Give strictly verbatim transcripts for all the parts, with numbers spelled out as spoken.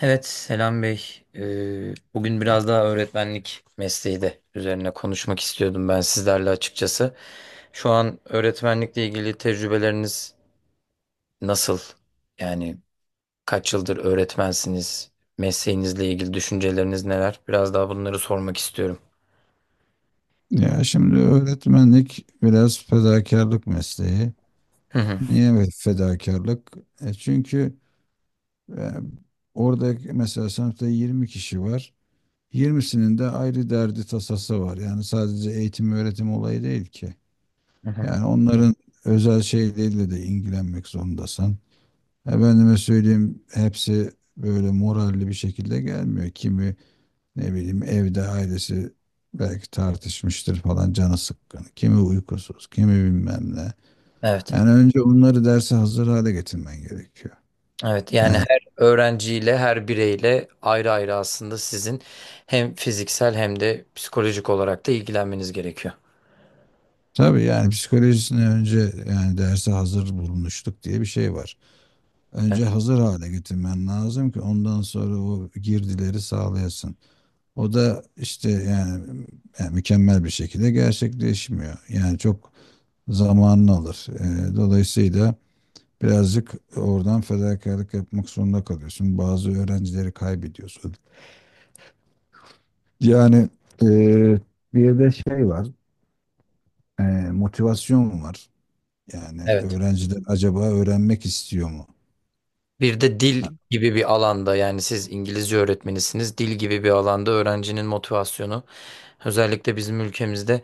Evet Selam Bey. Ee, bugün biraz daha öğretmenlik mesleği de üzerine konuşmak istiyordum ben sizlerle açıkçası. Şu an öğretmenlikle ilgili tecrübeleriniz nasıl? Yani kaç yıldır öğretmensiniz? Mesleğinizle ilgili düşünceleriniz neler? Biraz daha bunları sormak istiyorum. Ya şimdi öğretmenlik biraz fedakarlık mesleği. Hı hı. Niye ve fedakarlık? E çünkü e, orada mesela sınıfta yirmi kişi var. yirmisinin de ayrı derdi tasası var. Yani sadece eğitim öğretim olayı değil ki. Hı hı. Yani onların özel şeyleriyle de ilgilenmek zorundasın. Efendime söyleyeyim hepsi böyle moralli bir şekilde gelmiyor. Kimi ne bileyim evde ailesi belki tartışmıştır falan canı sıkkın. Kimi uykusuz, kimi bilmem ne. Evet. Yani önce bunları derse hazır hale getirmen gerekiyor. Evet, yani Yani her öğrenciyle her bireyle ayrı ayrı aslında sizin hem fiziksel hem de psikolojik olarak da ilgilenmeniz gerekiyor. tabii yani psikolojisini önce, yani derse hazır bulmuşluk diye bir şey var. Önce hazır hale getirmen lazım ki ondan sonra o girdileri sağlayasın. O da işte yani, yani mükemmel bir şekilde gerçekleşmiyor. Yani çok zamanını alır. Ee, dolayısıyla birazcık oradan fedakarlık yapmak zorunda kalıyorsun. Bazı öğrencileri kaybediyorsun. Yani eee, Bir de şey var, eee, motivasyon var. Yani Evet. öğrenciler acaba öğrenmek istiyor mu? Bir de dil gibi bir alanda yani siz İngilizce öğretmenisiniz. Dil gibi bir alanda öğrencinin motivasyonu özellikle bizim ülkemizde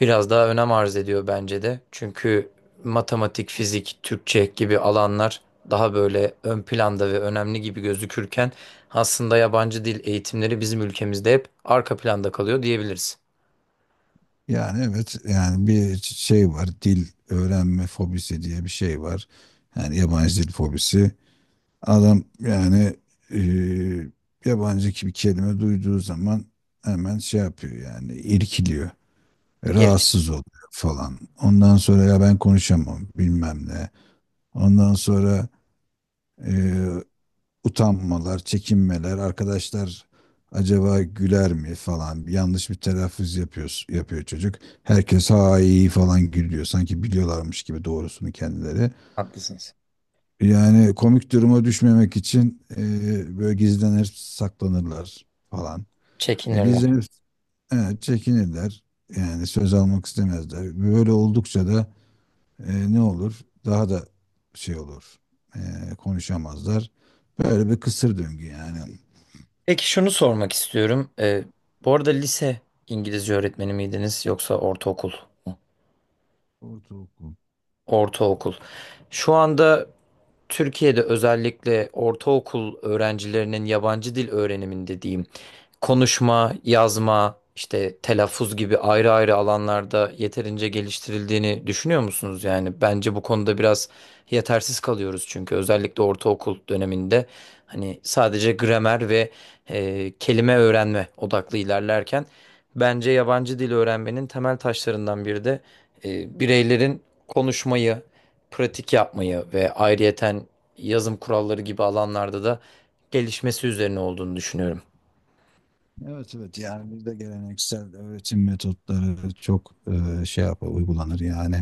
biraz daha önem arz ediyor bence de. Çünkü matematik, fizik, Türkçe gibi alanlar daha böyle ön planda ve önemli gibi gözükürken aslında yabancı dil eğitimleri bizim ülkemizde hep arka planda kalıyor diyebiliriz. Yani evet, yani bir şey var, dil öğrenme fobisi diye bir şey var. Yani yabancı dil fobisi. Adam yani eee, yabancı bir kelime duyduğu zaman hemen şey yapıyor, yani irkiliyor, Geri rahatsız oluyor falan. Ondan sonra ya ben konuşamam bilmem ne. Ondan sonra e, utanmalar, çekinmeler, arkadaşlar acaba güler mi falan, yanlış bir telaffuz yapıyor, yapıyor çocuk. Herkes ha iyi falan gülüyor sanki biliyorlarmış gibi doğrusunu kendileri. Haklısınız. Yani komik duruma düşmemek için e, böyle gizlenir saklanırlar falan. E, Çekinirler. gizlenip e, çekinirler, yani söz almak istemezler. Böyle oldukça da e, ne olur? Daha da şey olur. E, Konuşamazlar. Böyle bir kısır döngü yani. Peki şunu sormak istiyorum. Ee, bu arada lise İngilizce öğretmeni miydiniz yoksa ortaokul? Ortaokul. Ortaokul. Şu anda Türkiye'de özellikle ortaokul öğrencilerinin yabancı dil öğreniminde diyeyim, konuşma, yazma, işte telaffuz gibi ayrı ayrı alanlarda yeterince geliştirildiğini düşünüyor musunuz? Yani bence bu konuda biraz yetersiz kalıyoruz çünkü özellikle ortaokul döneminde hani sadece gramer ve e, kelime öğrenme odaklı ilerlerken bence yabancı dil öğrenmenin temel taşlarından biri de e, bireylerin konuşmayı, pratik yapmayı ve ayrıyeten yazım kuralları gibi alanlarda da gelişmesi üzerine olduğunu düşünüyorum. Evet evet, yani bizde geleneksel öğretim metotları çok e, şey yapar, uygulanır yani.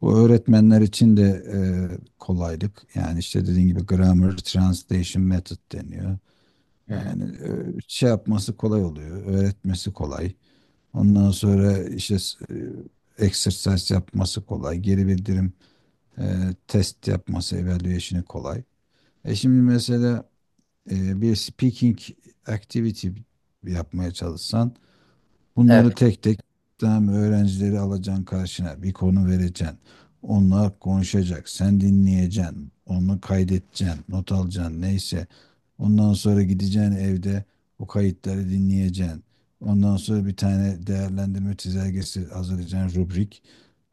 Bu öğretmenler için de e, kolaylık. Yani işte dediğin gibi grammar translation method deniyor. Hı hı. Yani e, şey yapması kolay oluyor. Öğretmesi kolay. Ondan sonra işte e, exercise yapması kolay. Geri bildirim, E, test yapması, evaluation'ı kolay. E şimdi mesela e, bir speaking activity yapmaya çalışsan, bunları Evet, tek tek tam öğrencileri alacaksın karşına. Bir konu vereceksin. Onlar konuşacak. Sen dinleyeceksin. Onu kaydedeceksin. Not alacaksın. Neyse. Ondan sonra gideceksin evde o kayıtları dinleyeceksin. Ondan sonra bir tane değerlendirme çizelgesi hazırlayacaksın, rubrik.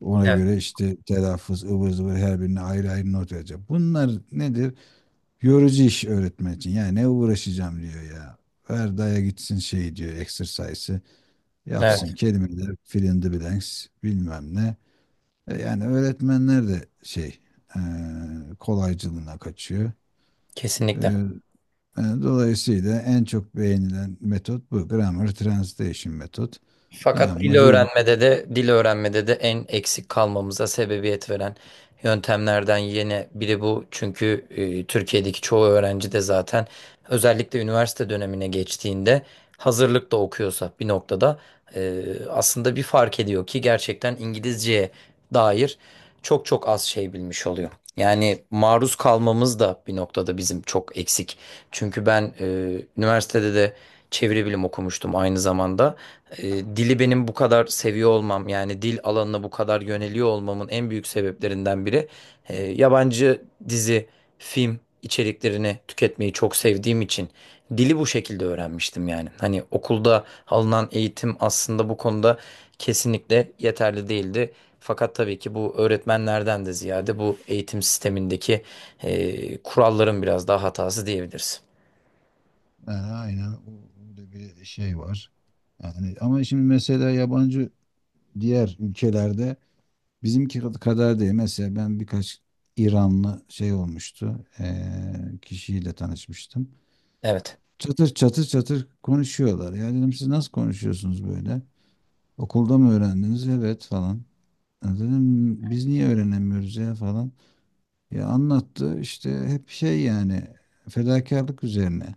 Ona evet, göre işte telaffuz, ıvır zıvır her birine ayrı ayrı not verecek. Bunlar nedir? Yorucu iş öğretmen için. Yani ne uğraşacağım diyor ya. Ver daya gitsin şey diyor, exercise'ı. Yapsın evet, kelimeler, fill in the blanks, bilmem ne. E, Yani öğretmenler de şey, e, kolaycılığına kaçıyor. E, kesinlikle. E, dolayısıyla en çok beğenilen metot bu. Grammar Translation metot. Tamam Fakat dil mı? Real, öğrenmede de dil öğrenmede de en eksik kalmamıza sebebiyet veren yöntemlerden yine biri bu. Çünkü e, Türkiye'deki çoğu öğrenci de zaten özellikle üniversite dönemine geçtiğinde hazırlık da okuyorsa bir noktada e, aslında bir fark ediyor ki gerçekten İngilizceye dair çok çok az şey bilmiş oluyor. Yani maruz kalmamız da bir noktada bizim çok eksik. Çünkü ben e, üniversitede de çeviri bilim okumuştum aynı zamanda e, dili benim bu kadar seviyor olmam yani dil alanına bu kadar yöneliyor olmamın en büyük sebeplerinden biri e, yabancı dizi, film içeriklerini tüketmeyi çok sevdiğim için dili bu şekilde öğrenmiştim yani. Hani okulda alınan eğitim aslında bu konuda kesinlikle yeterli değildi. Fakat tabii ki bu öğretmenlerden de ziyade bu eğitim sistemindeki e, kuralların biraz daha hatası diyebiliriz. yani aynen o- öyle bir şey var. Yani ama şimdi mesela yabancı diğer ülkelerde bizimki kadar değil. Mesela ben birkaç İranlı şey olmuştu, e, kişiyle tanışmıştım. Evet. Çatır çatır çatır konuşuyorlar. Ya dedim siz nasıl konuşuyorsunuz böyle? Okulda mı öğrendiniz? Evet falan. Ya dedim biz niye öğrenemiyoruz ya falan. Ya anlattı işte hep şey, yani fedakarlık üzerine.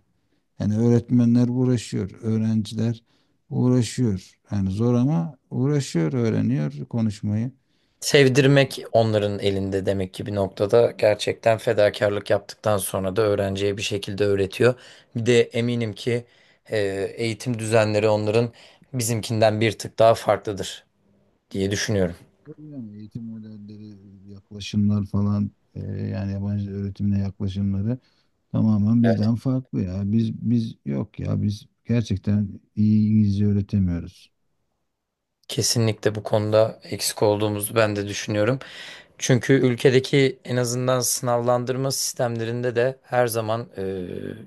Yani öğretmenler uğraşıyor, öğrenciler uğraşıyor. Yani zor, ama uğraşıyor, öğreniyor konuşmayı. Sevdirmek onların elinde demek ki bir noktada gerçekten fedakarlık yaptıktan sonra da öğrenciye bir şekilde öğretiyor. Bir de eminim ki e, eğitim düzenleri onların bizimkinden bir tık daha farklıdır diye düşünüyorum. Tabii. Yani eğitim modelleri, yaklaşımlar falan, e, yani yabancı öğretimle yaklaşımları tamamen bizden farklı ya. Biz biz yok ya, biz gerçekten iyi İngilizce öğretemiyoruz. Kesinlikle bu konuda eksik olduğumuzu ben de düşünüyorum. Çünkü ülkedeki en azından sınavlandırma sistemlerinde de her zaman e,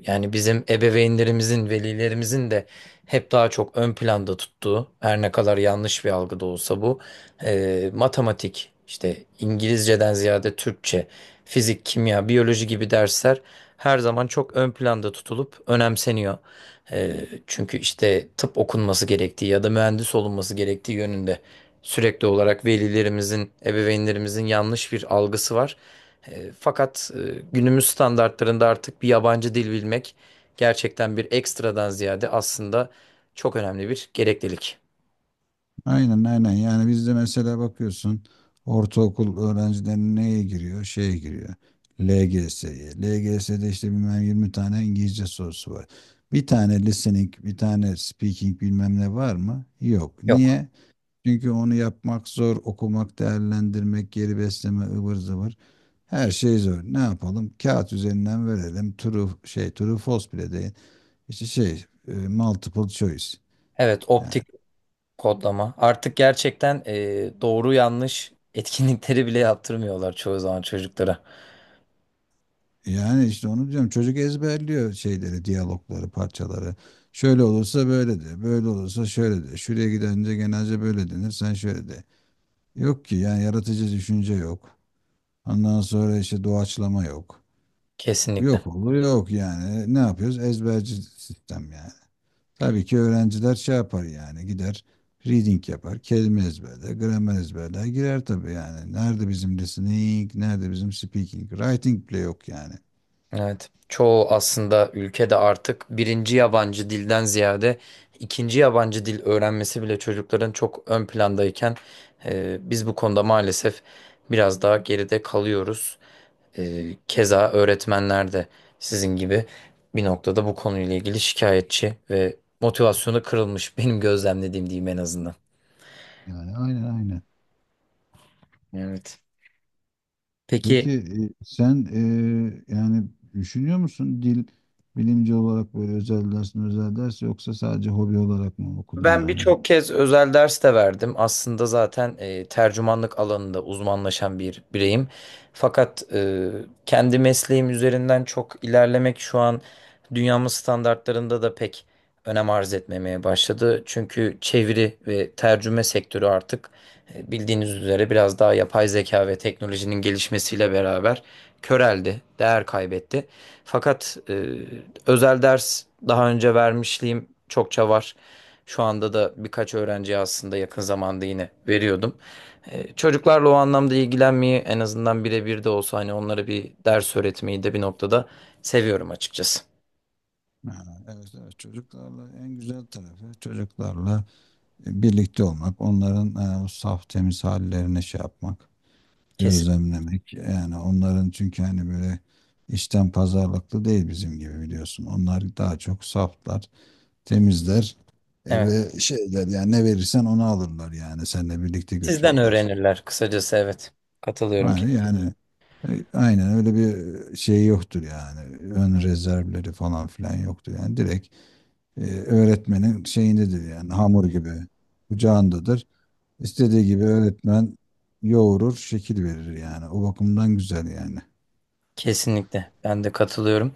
yani bizim ebeveynlerimizin, velilerimizin de hep daha çok ön planda tuttuğu, her ne kadar yanlış bir algı da olsa bu, e, matematik, işte İngilizceden ziyade Türkçe, fizik, kimya, biyoloji gibi dersler her zaman çok ön planda tutulup önemseniyor. Ee, çünkü işte tıp okunması gerektiği ya da mühendis olunması gerektiği yönünde sürekli olarak velilerimizin, ebeveynlerimizin yanlış bir algısı var. Ee, fakat e, günümüz standartlarında artık bir yabancı dil bilmek gerçekten bir ekstradan ziyade aslında çok önemli bir gereklilik. Aynen aynen, yani bizde mesela bakıyorsun ortaokul öğrencileri neye giriyor? Şeye giriyor. L G S'ye. L G S'de işte bilmem yirmi tane İngilizce sorusu var. Bir tane listening, bir tane speaking bilmem ne var mı? Yok. Yok. Niye? Çünkü onu yapmak zor, okumak, değerlendirmek, geri besleme, ıvır zıvır. Her şey zor. Ne yapalım? Kağıt üzerinden verelim. True şey, true false bile değil. İşte şey, e, multiple choice. Evet, Yani, optik kodlama. Artık gerçekten e, doğru yanlış etkinlikleri bile yaptırmıyorlar çoğu zaman çocuklara. yani işte onu diyorum. Çocuk ezberliyor şeyleri, diyalogları, parçaları. Şöyle olursa böyle de, böyle olursa şöyle de. Şuraya gidince genelce böyle denir, sen şöyle de. Yok ki yani, yaratıcı düşünce yok. Ondan sonra işte doğaçlama yok. Kesinlikle. Yok olur yok yani. Ne yapıyoruz? Ezberci sistem yani. Tabii ki öğrenciler şey yapar, yani gider reading yapar. Kelime ezberler, gramer ezberler, girer tabii yani. Nerede bizim listening, nerede bizim speaking? Writing bile yok yani. Evet. Çoğu aslında ülkede artık birinci yabancı dilden ziyade ikinci yabancı dil öğrenmesi bile çocukların çok ön plandayken e, biz bu konuda maalesef biraz daha geride kalıyoruz. E, keza öğretmenler de sizin gibi bir noktada bu konuyla ilgili şikayetçi ve motivasyonu kırılmış benim gözlemlediğim diyeyim en azından. Yani aynen aynen. Evet. Peki Peki e, sen e, yani düşünüyor musun dil bilimci olarak böyle özel ders mi özel ders yoksa sadece hobi olarak mı okudun Ben yani? birçok kez özel ders de verdim. Aslında zaten e, tercümanlık alanında uzmanlaşan bir bireyim. Fakat e, kendi mesleğim üzerinden çok ilerlemek şu an dünyamız standartlarında da pek önem arz etmemeye başladı. Çünkü çeviri ve tercüme sektörü artık e, bildiğiniz üzere biraz daha yapay zeka ve teknolojinin gelişmesiyle beraber köreldi, değer kaybetti. Fakat e, özel ders daha önce vermişliğim çokça var. Şu anda da birkaç öğrenciye aslında yakın zamanda yine veriyordum. E, çocuklarla o anlamda ilgilenmeyi en azından birebir de olsa hani onlara bir ders öğretmeyi de bir noktada seviyorum açıkçası. Ha, evet evet, çocuklarla en güzel tarafı çocuklarla birlikte olmak, onların e, o saf temiz hallerine şey yapmak, Kesin. gözlemlemek. Yani onların çünkü hani böyle içten pazarlıklı değil bizim gibi, biliyorsun. Onlar daha çok saflar, temizler e, Evet. ve şeyler yani, ne verirsen onu alırlar, yani seninle birlikte Sizden götürürler. öğrenirler kısacası evet. Katılıyorum Yani, yani e, aynen öyle bir şey yoktur yani. Ön rezervleri falan filan yoktur yani, direkt e, öğretmenin şeyindedir, yani hamur gibi kucağındadır. İstediği gibi öğretmen yoğurur, şekil verir yani. O bakımdan güzel yani. Kesinlikle. Ben de katılıyorum.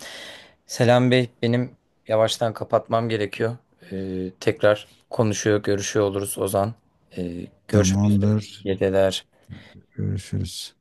Selam Bey, benim yavaştan kapatmam gerekiyor. Ee, tekrar konuşuyor, görüşüyor oluruz Ozan. Ee, görüşmek üzere. Tamamdır. Geceler. Görüşürüz.